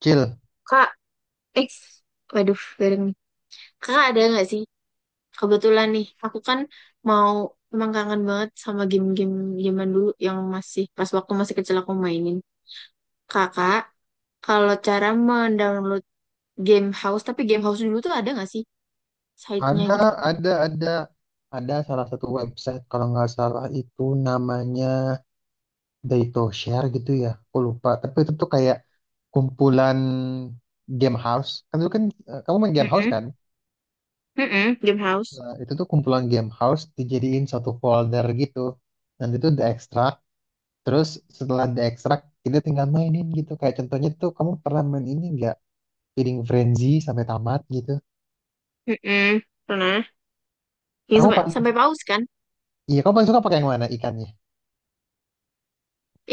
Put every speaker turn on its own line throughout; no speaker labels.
Cil,
Kak, eh, waduh, bareng nih. Kakak ada nggak sih? Kebetulan nih, aku kan mau emang kangen banget sama game-game zaman dulu yang masih pas waktu masih kecil aku mainin. Kakak, kalau cara mendownload game house, tapi game house dulu tuh ada nggak sih site-nya
ada,
gitu?
ada, ada, ada salah satu website kalau nggak salah itu namanya Day Share gitu ya, aku lupa. Tapi itu tuh kayak kumpulan game house. Kan dulu kan kamu main game house
Mm-mm,
kan?
mm-mm, game house.
Nah, itu tuh kumpulan game house dijadiin satu folder gitu. Dan itu diekstrak. Terus setelah diekstrak kita tinggal mainin gitu. Kayak contohnya tuh kamu pernah main ini nggak? Feeding Frenzy sampai tamat gitu.
Mm-mm, pernah. Yang
Kamu
sampai
paling,
sampai paus kan?
iya kamu paling suka pakai yang mana ikannya?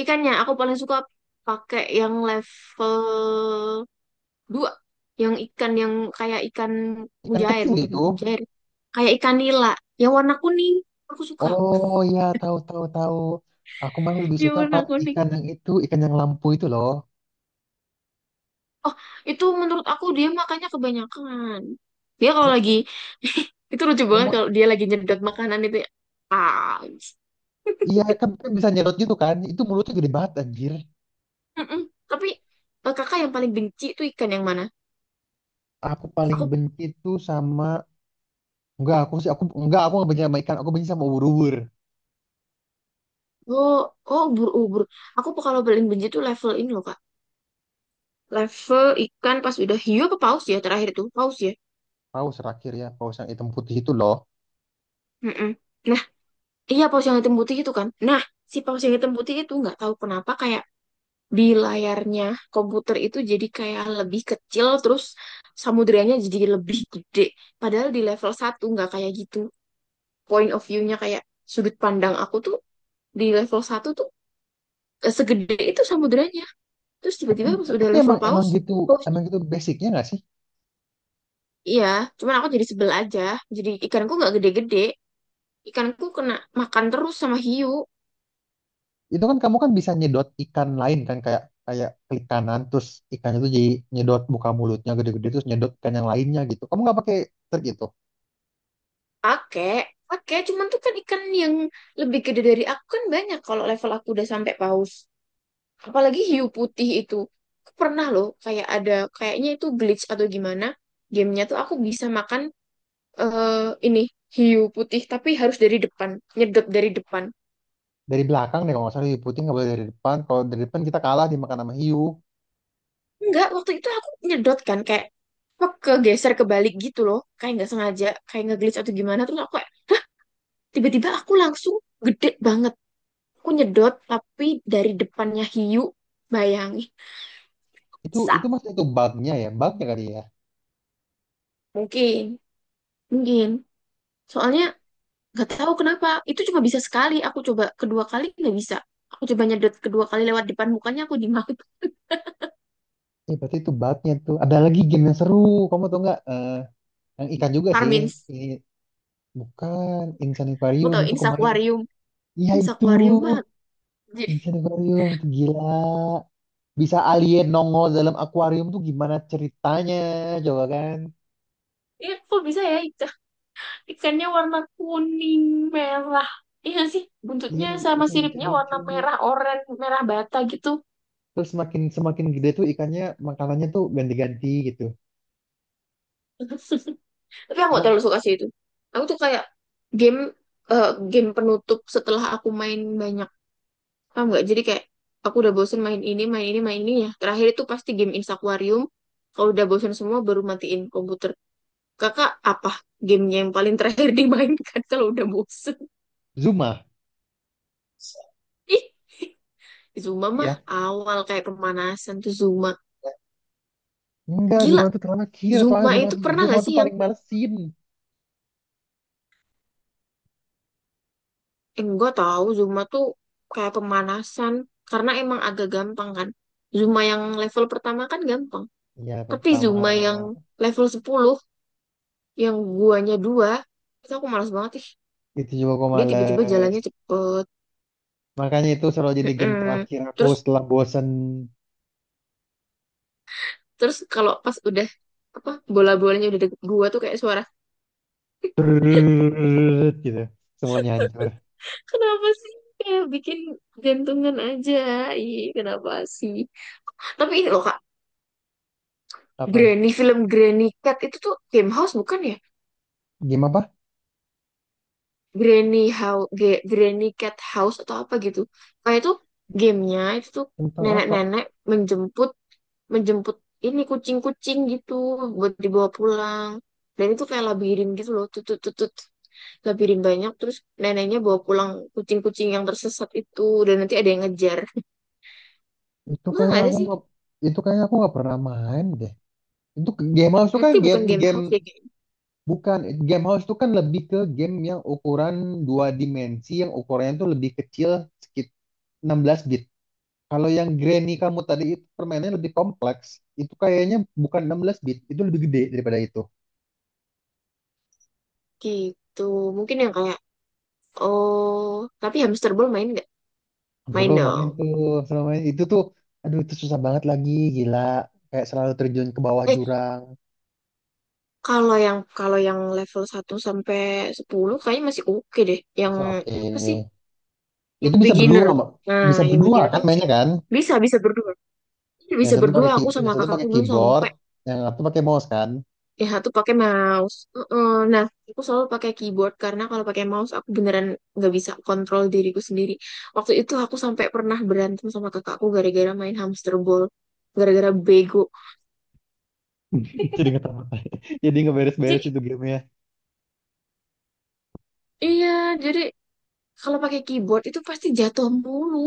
Ikannya aku paling suka pakai yang level 2, yang ikan yang kayak ikan
Ikan
mujair,
kecil
bukan
itu.
mujair. Kayak ikan nila. Yang warna kuning. Aku suka.
Oh ya, tahu tahu tahu. Aku malah lebih
Yang
suka
warna
pak
kuning.
ikan yang itu, ikan yang lampu itu loh.
Oh, itu menurut aku dia makannya kebanyakan. Dia kalau
Lah,
lagi... itu lucu banget
emang
kalau dia lagi nyedot makanan itu ya. Ah.
iya kan, kan bisa nyerot gitu kan? Itu mulutnya gede banget anjir.
Mm-mm. Tapi kakak yang paling benci itu ikan yang mana?
Aku paling
Aku...
benci tuh sama, enggak aku sih, aku enggak, aku nggak benci sama ikan. Aku benci sama ubur-ubur.
Oh, oh, ubur-ubur. Aku kalau paling benci itu level ini loh, Kak. Level ikan pas udah hiu apa paus ya, terakhir itu paus ya.
Paus terakhir ya paus yang hitam putih itu loh.
Mm-mm. Nah, iya, paus yang hitam putih itu kan. Nah, si paus yang hitam putih itu nggak tahu kenapa kayak di layarnya komputer itu jadi kayak lebih kecil, terus samudranya jadi lebih gede, padahal di level satu nggak kayak gitu. Point of view-nya kayak sudut pandang aku tuh di level satu tuh segede itu samudranya, terus
Tapi,
tiba-tiba pas udah
tapi
level
emang, emang
paus,
gitu
pausnya,
emang gitu basicnya nggak sih?
iya, cuman aku jadi sebel aja, jadi ikanku nggak gede-gede, ikanku kena makan terus sama hiu.
Itu kan kamu kan bisa nyedot ikan lain kan, kayak kayak klik kanan, terus ikannya tuh jadi nyedot, buka mulutnya gede-gede terus nyedot ikan yang lainnya gitu. Kamu nggak pakai trik gitu?
Pakai pakai, cuman tuh kan ikan yang lebih gede dari aku kan banyak, kalau level aku udah sampai paus, apalagi hiu putih itu. Aku pernah loh, kayak ada, kayaknya itu glitch atau gimana gamenya tuh, aku bisa makan eh ini hiu putih, tapi harus dari depan, nyedot dari depan.
Dari belakang deh kalau nggak salah. Hiu putih nggak boleh dari depan, kalau dari depan kita kalah dimakan sama hiu.
Enggak, waktu itu aku nyedot kan, kayak apa, kegeser kebalik gitu loh, kayak nggak sengaja, kayak nge-glitch atau gimana, terus aku kayak, hah, tiba-tiba aku langsung gede banget. Aku nyedot tapi dari depannya hiu, bayangin.
itu
Sa,
itu masih, itu bugnya ya, bugnya kali ya.
mungkin, mungkin. Soalnya nggak tahu kenapa itu cuma bisa sekali. Aku coba kedua kali nggak bisa. Aku coba nyedot kedua kali lewat depan mukanya aku dimaki
Eh, berarti itu bugnya tuh. Ada lagi game yang seru, kamu tau nggak? Yang ikan juga sih,
Karmin.
ini bukan Insan
Aku
Aquarium
tahu
itu kemarin. Iya,
ini
itu
akuarium mah. Jadi,
Insan Aquarium itu gila, bisa alien nongol dalam akuarium tuh gimana ceritanya coba kan.
ya, kok bisa ya ikan, ikannya warna kuning merah. Iya nggak sih,
Iya,
buntutnya sama
itu
siripnya
lucu-lucu.
warna merah oranye, merah bata gitu.
Terus semakin semakin gede tuh ikannya, makanannya tuh ganti-ganti gitu.
Tapi aku gak
Oh,
terlalu suka sih itu. Aku tuh kayak game eh, game penutup setelah aku main banyak, paham nggak, jadi kayak aku udah bosen main ini, main ini, main ini ya, terakhir itu pasti game Instaquarium. Kalau udah bosen semua baru matiin komputer. Kakak apa gamenya yang paling terakhir dimainkan kalau udah bosen?
Zuma.
Ih, Zuma mah
Iya,
awal, kayak pemanasan tuh Zuma.
enggak,
Gila,
Zuma tuh terakhir. Soalnya
Zuma itu pernah
Zuma
gak
tuh
sih yang,
paling malesin.
enggak, tahu Zumba tuh kayak pemanasan karena emang agak gampang kan. Zumba yang level pertama kan gampang.
Iya, babak
Tapi
pertama.
Zumba yang level sepuluh, yang guanya dua, itu aku malas banget ih.
Itu juga gue
Dia tiba-tiba
males.
jalannya cepet.
Makanya itu selalu jadi game
Mm-mm.
terakhir aku
Terus
setelah bosen.
terus kalau pas udah apa, bola-bolanya udah deket gua tuh kayak suara,
Gitu. Semuanya hancur.
kenapa sih, kayak bikin jantungan aja. Ih, kenapa sih? Tapi ini loh Kak,
Apa?
Granny film Granny Cat itu tuh game house bukan ya?
Game apa?
Granny House, Granny Cat House atau apa gitu. Kayak itu gamenya itu tuh
Tentang apa?
nenek-nenek menjemput menjemput ini kucing-kucing gitu buat dibawa pulang. Dan itu kayak labirin gitu loh, tutut tutut, labirin banyak, terus neneknya bawa pulang kucing-kucing yang tersesat itu, dan nanti ada yang ngejar.
Itu
Masa
kayaknya
nggak ada
aku
sih?
nggak itu kayaknya aku nggak pernah main deh. Itu game house itu kan
Nanti
game
bukan game
game
house ya kayak
bukan, game house itu kan lebih ke game yang ukuran dua dimensi yang ukurannya tuh lebih kecil, sekitar 16 bit. Kalau yang Granny kamu tadi itu permainannya lebih kompleks. Itu kayaknya bukan 16 bit, itu lebih gede daripada itu.
gitu. Mungkin yang kayak, oh, tapi hamster ball main nggak? Main
Suruh main
dong.
tuh, suruh main. Itu tuh, aduh itu susah banget lagi, gila. Kayak selalu terjun ke bawah
Eh,
jurang.
kalau yang level satu sampai 10 kayaknya masih oke deh. Yang
Masih oke.
apa sih?
Itu
Yang
bisa berdua,
beginner.
Mbak.
Nah,
Bisa
yang
berdua
beginner
kan
tuh masih
mainnya
oke.
kan?
Bisa, bisa berdua. Iya,
Yang
bisa
satu
berdua aku
yang
sama
satu
kakakku
pakai
dulu
keyboard,
sampai
yang satu pakai mouse kan?
yang satu pakai mouse. Heeh. Nah, aku selalu pakai keyboard karena kalau pakai mouse aku beneran nggak bisa kontrol diriku sendiri. Waktu itu aku sampai pernah berantem sama kakakku gara-gara main hamster ball, gara-gara bego.
Jadi nggak tahu. Jadi nggak beres-beres
Jadi,
itu gamenya.
iya, jadi kalau pakai keyboard itu pasti jatuh mulu.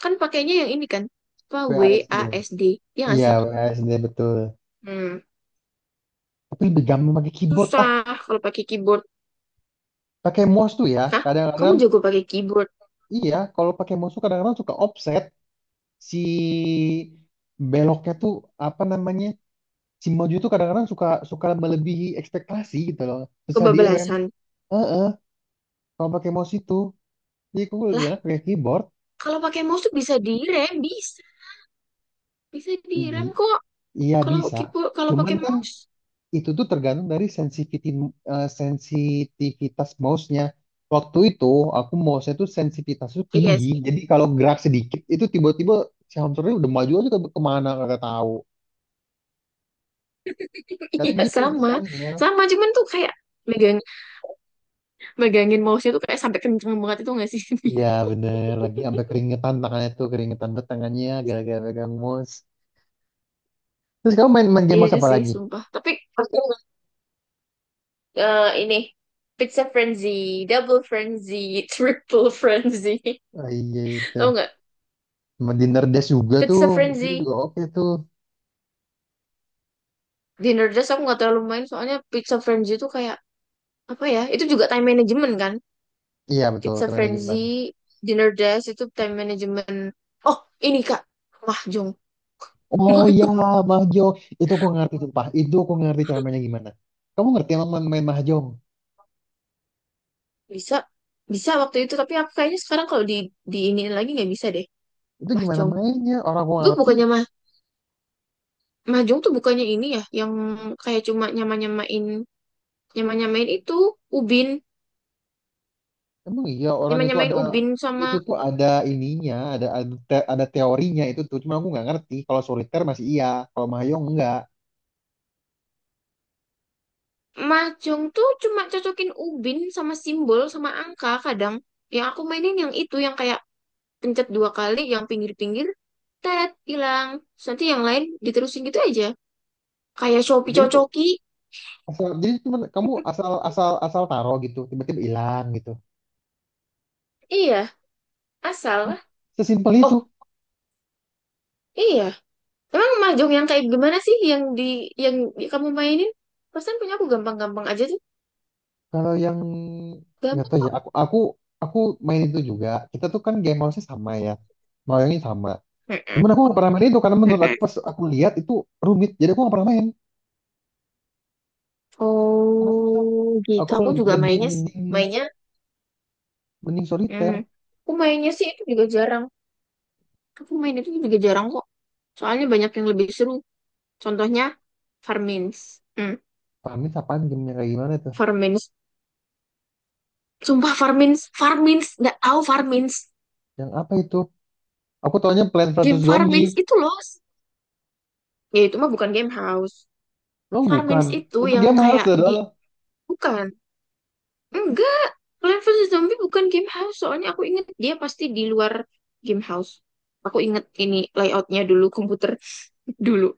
Kan pakainya yang ini kan, apa, W A
WASD.
S D ya nggak
Iya,
sih?
WASD betul.
Hmm.
Tapi lebih gampang pakai keyboard. Ah,
Susah kalau pakai keyboard.
pakai mouse tuh ya.
Hah? Kamu
Kadang-kadang
jago pakai keyboard,
iya, kalau pakai musuh kadang-kadang suka offset, si beloknya tuh apa namanya, si maju tuh kadang-kadang suka suka melebihi ekspektasi gitu loh, susah direm.
kebablasan.
Heeh, kalau pakai mouse itu, jadi aku lebih enak
Lah,
pakai keyboard.
kalau pakai mouse tuh bisa direm, bisa. Bisa direm
I-
kok.
Iya
Kalau
bisa,
keyboard, kalau
cuman
pakai
kan
mouse.
itu tuh tergantung dari sensitivitas sensitivitas mouse-nya. Waktu itu aku mouse-nya tuh sensitivitasnya tuh
Iya
tinggi,
sih.
jadi kalau gerak sedikit itu tiba-tiba si hamsternya udah maju aja kemana nggak tahu. Kadang
Iya,
gitu itu
sama.
soalnya.
Sama, cuman tuh kayak megang megangin mouse-nya tuh kayak sampai kenceng banget itu nggak sih?
Iya bener, lagi sampai keringetan tangannya tuh, keringetan tuh tangannya gara-gara pegang mouse. Terus kamu main, main game
Iya
mouse apa
sih,
lagi?
sumpah. Tapi aku, ini pizza frenzy, double frenzy, triple frenzy.
Oh, iya itu.
Tahu nggak
Sama Dinner Dash juga tuh,
Pizza
itu juga
Frenzy,
oke tuh.
dinner Nerdist aku nggak terlalu main soalnya Pizza Frenzy itu kayak apa ya, itu juga time management kan.
Iya betul,
Pizza
teman Jumpan.
Frenzy dinner Nerdist itu time management. Oh, ini kak, mahjong.
Oh iya,
Mahjong,
mahjong. Itu aku ngerti, sumpah, itu aku ngerti cara mainnya gimana. Kamu ngerti emang main, main mahjong?
bisa, bisa waktu itu, tapi aku kayaknya sekarang kalau di ini lagi nggak bisa deh.
Itu gimana
Mahjong,
mainnya? Orang aku nggak
gue
ngerti.
bukannya mah, mahjong tuh bukannya ini ya yang kayak cuma nyama nyamain, nyama nyamain itu ubin,
Emang iya orang
nyama
itu
nyamain
ada,
ubin
itu
sama,
tuh ada ininya, ada teorinya itu tuh. Cuma aku nggak ngerti. Kalau soliter masih iya, kalau Mahjong enggak.
mahjong tuh cuma cocokin ubin sama simbol sama angka kadang. Yang aku mainin yang itu yang kayak pencet dua kali, yang pinggir-pinggir tet hilang. Terus nanti yang lain diterusin gitu aja. Kayak Shopee
Jadi tuh
cocoki.
asal, jadi cuma kamu asal asal asal taruh gitu, tiba-tiba hilang gitu.
Iya,
Hah?
asal.
Sesimpel itu.
Oh, iya. Emang mahjong yang kayak gimana sih yang di kamu mainin? Pesan punya aku gampang-gampang aja tuh.
Kalau yang nggak
Gampang
tahu ya,
kok.
aku aku main itu juga. Kita tuh kan game house-nya sama ya. Mahjongnya sama.
Mm-mm,
Cuman aku nggak pernah main itu karena menurut aku
mm-mm.
pas aku lihat itu rumit. Jadi aku nggak pernah main karena susah.
Oh, gitu.
Aku
Aku juga
lebih
mainnya,
mending,
mainnya,
mending
hmm,
soliter.
aku mainnya sih itu juga jarang. Aku main itu juga jarang kok. Soalnya banyak yang lebih seru. Contohnya Farmins. Hmm,
Panis apaan gamenya kayak gimana tuh?
Farmins. Sumpah Farmins, Farmins, nggak tahu Farmins.
Yang apa itu? Aku taunya Plants versus
Game
Zombie.
Farmins itu loh. Ya itu mah bukan game house.
Oh bukan.
Farmins itu
Itu
yang
game harus
kayak di,
dong.
bukan. Enggak. Plant versus Zombie bukan game house. Soalnya aku inget dia pasti di luar game house. Aku inget ini layoutnya dulu komputer dulu.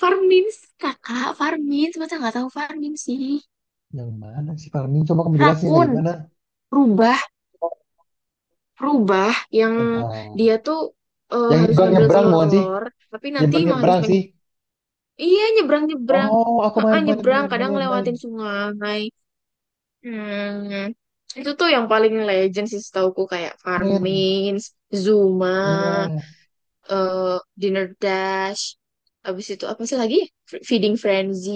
Farmins, kakak, Farmins, masa nggak tahu Farmins sih?
Yang mana sih Parmin? Coba kamu jelasin kayak
Rakun,
gimana.
rubah, rubah yang
Entah.
dia tuh,
Yang
harus
nyebrang
ngambil
nyebrang bukan sih?
telur-telur, tapi nanti
Nyebrang
mah harus
nyebrang sih.
pengen, iya, nyebrang-nyebrang.
Oh, aku
Heeh,
main main
nyebrang
main
kadang
main main
ngelewatin sungai. Hmm. Itu tuh yang paling legend sih setauku kayak
main.
Farmins, Zuma,
Iya.
eh, Dinner Dash, abis itu apa sih lagi? Feeding Frenzy,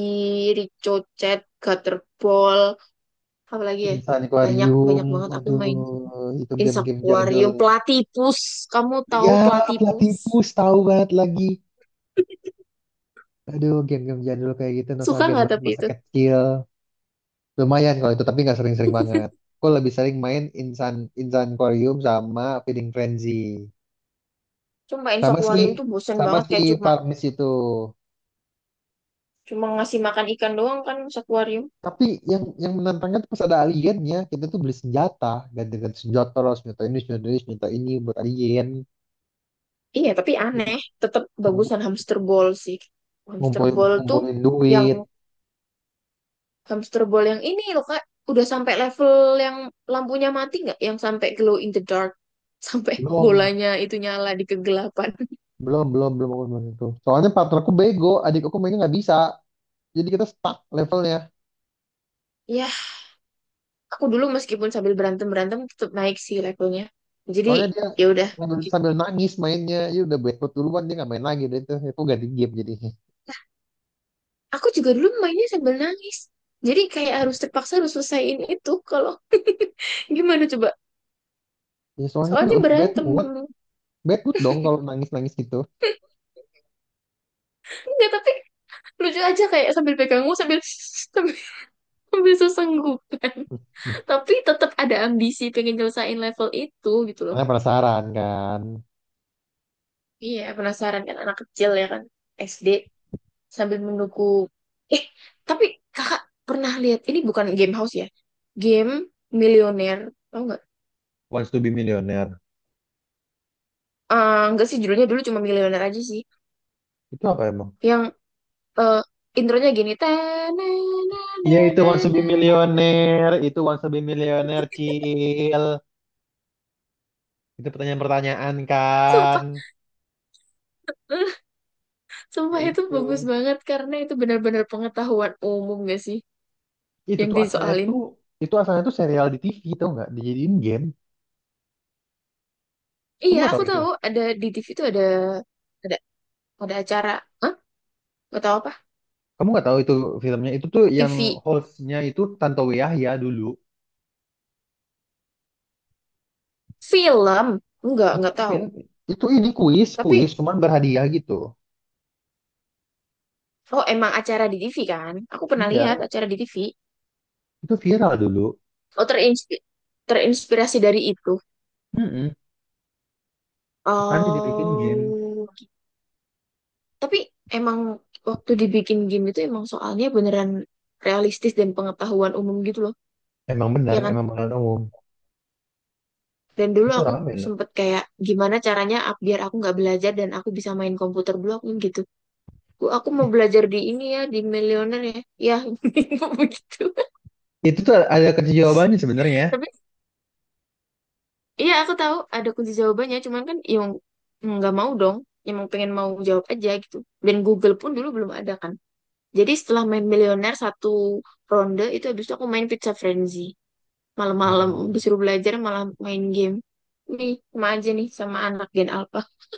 Ricochet, Gutterball. Apalagi ya,
Insan
banyak,
Aquarium.
banyak banget aku
Aduh
main, sama
itu
Insect
game-game
aquarium,
jadul.
platypus, kamu tahu
Ya pelatih
platypus?
tipu, tahu banget lagi. Aduh game-game jadul kayak gitu
Suka
nostalgia
nggak,
banget
tapi
masa
itu
kecil. Lumayan kalau itu, tapi nggak sering-sering banget. Gue lebih sering main Insan Insan Quarium sama Feeding Frenzy.
cuma Insect
Sama si
aquarium tuh bosen
sama
banget
si
kayak cuma
Farmist itu.
cuma ngasih makan ikan doang kan, Insect.
Tapi yang menantangnya tuh pas ada aliennya, kita tuh beli senjata, ganti-ganti senjata, terus senjata ini, senjata ini, senjata ini buat alien.
Iya tapi aneh, tetap
Ngumpu-
bagusan hamster ball sih, hamster
Ngumpulin,
ball tuh
ngumpulin
yang
duit.
hamster ball yang ini loh kak, udah sampai level yang lampunya mati nggak, yang sampai glow in the dark, sampai
Belum,
bolanya itu nyala di kegelapan.
belum, belum, belum, belum, belum itu. Soalnya partnerku bego, adik aku mainnya nggak bisa. Jadi kita stuck levelnya.
Ya, aku dulu meskipun sambil berantem berantem tetap naik sih levelnya, jadi
Soalnya dia
ya udah.
sambil nangis mainnya, ya udah bad mood duluan, dia nggak main lagi deh itu ganti game jadinya.
Aku juga dulu mainnya sambil nangis, jadi kayak harus terpaksa harus selesaiin itu kalau gimana coba,
Ya soalnya kan
soalnya
udah
berantem dulu.
bad mood dong kalau nangis-nangis gitu.
Enggak, tapi lucu aja kayak sambil pegangmu sambil sambil, sambil sesenggukan, tapi tetap ada ambisi pengen nyelesain level itu gitu loh.
Karena penasaran kan,
Iya, penasaran kan, anak kecil ya kan, SD, sambil menunggu, eh tapi kakak pernah lihat ini, bukan game house ya, game milioner, tau nggak?
Wants to be Millionaire.
Nggak sih judulnya dulu cuma milioner aja sih,
Itu apa emang?
yang, eh, intronya gini,
Iya itu Wants to
"Tanananananana."
be Millionaire, itu Wants to be Millionaire, Cil. Itu pertanyaan-pertanyaan kan.
Sumpah,
Ya
sumpah itu bagus
itu.
banget karena itu benar-benar pengetahuan umum gak sih
Itu
yang
tuh asalnya
disoalin.
tuh, itu asalnya tuh serial di TV tau nggak? Dijadiin game. Kamu
Iya,
nggak
aku
tahu itu?
tahu ada di TV itu, ada ada acara, ah nggak tahu apa,
Kamu nggak tahu itu, filmnya itu tuh yang
TV,
hostnya itu Tantowi Yahya dulu.
film, enggak, nggak
Bukan
tahu
film. Itu ini kuis, kuis,
tapi,
cuman berhadiah gitu.
oh, emang acara di TV kan? Aku pernah lihat
Iya,
acara di TV.
itu viral dulu.
Oh, terinspirasi dari itu.
Mm-mm. Makanya dibikin game.
Oh, tapi emang waktu dibikin game itu emang soalnya beneran realistis dan pengetahuan umum gitu loh,
Emang
ya
benar,
kan?
emang pengalaman umum.
Dan dulu
Itu
aku
rame loh.
sempet kayak gimana caranya biar aku nggak belajar dan aku bisa main komputer dulu aku gitu. Aku mau
It-
belajar di ini ya, di Millionaire ya. Ya, begitu.
Itu tuh ada kunci jawabannya sebenarnya.
Tapi iya, aku tahu ada kunci jawabannya, cuman kan yang nggak mau dong, yang mau pengen mau jawab aja gitu. Dan Google pun dulu belum ada kan. Jadi setelah main Millionaire satu ronde itu habis itu aku main Pizza Frenzy.
Ya,
Malam-malam disuruh belajar malah main game. Nih, sama aja nih sama anak Gen Alpha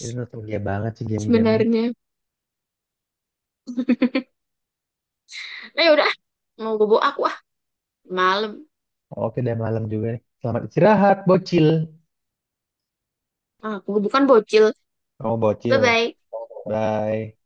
itu nostalgia banget sih game-gamenya.
sebenarnya. Nah, yaudah, ah, mau bobo aku ah. Malam.
Oke, udah malam juga nih. Selamat istirahat, bocil.
Aku bukan bocil.
Oh, bocil.
Bye-bye.
Bye.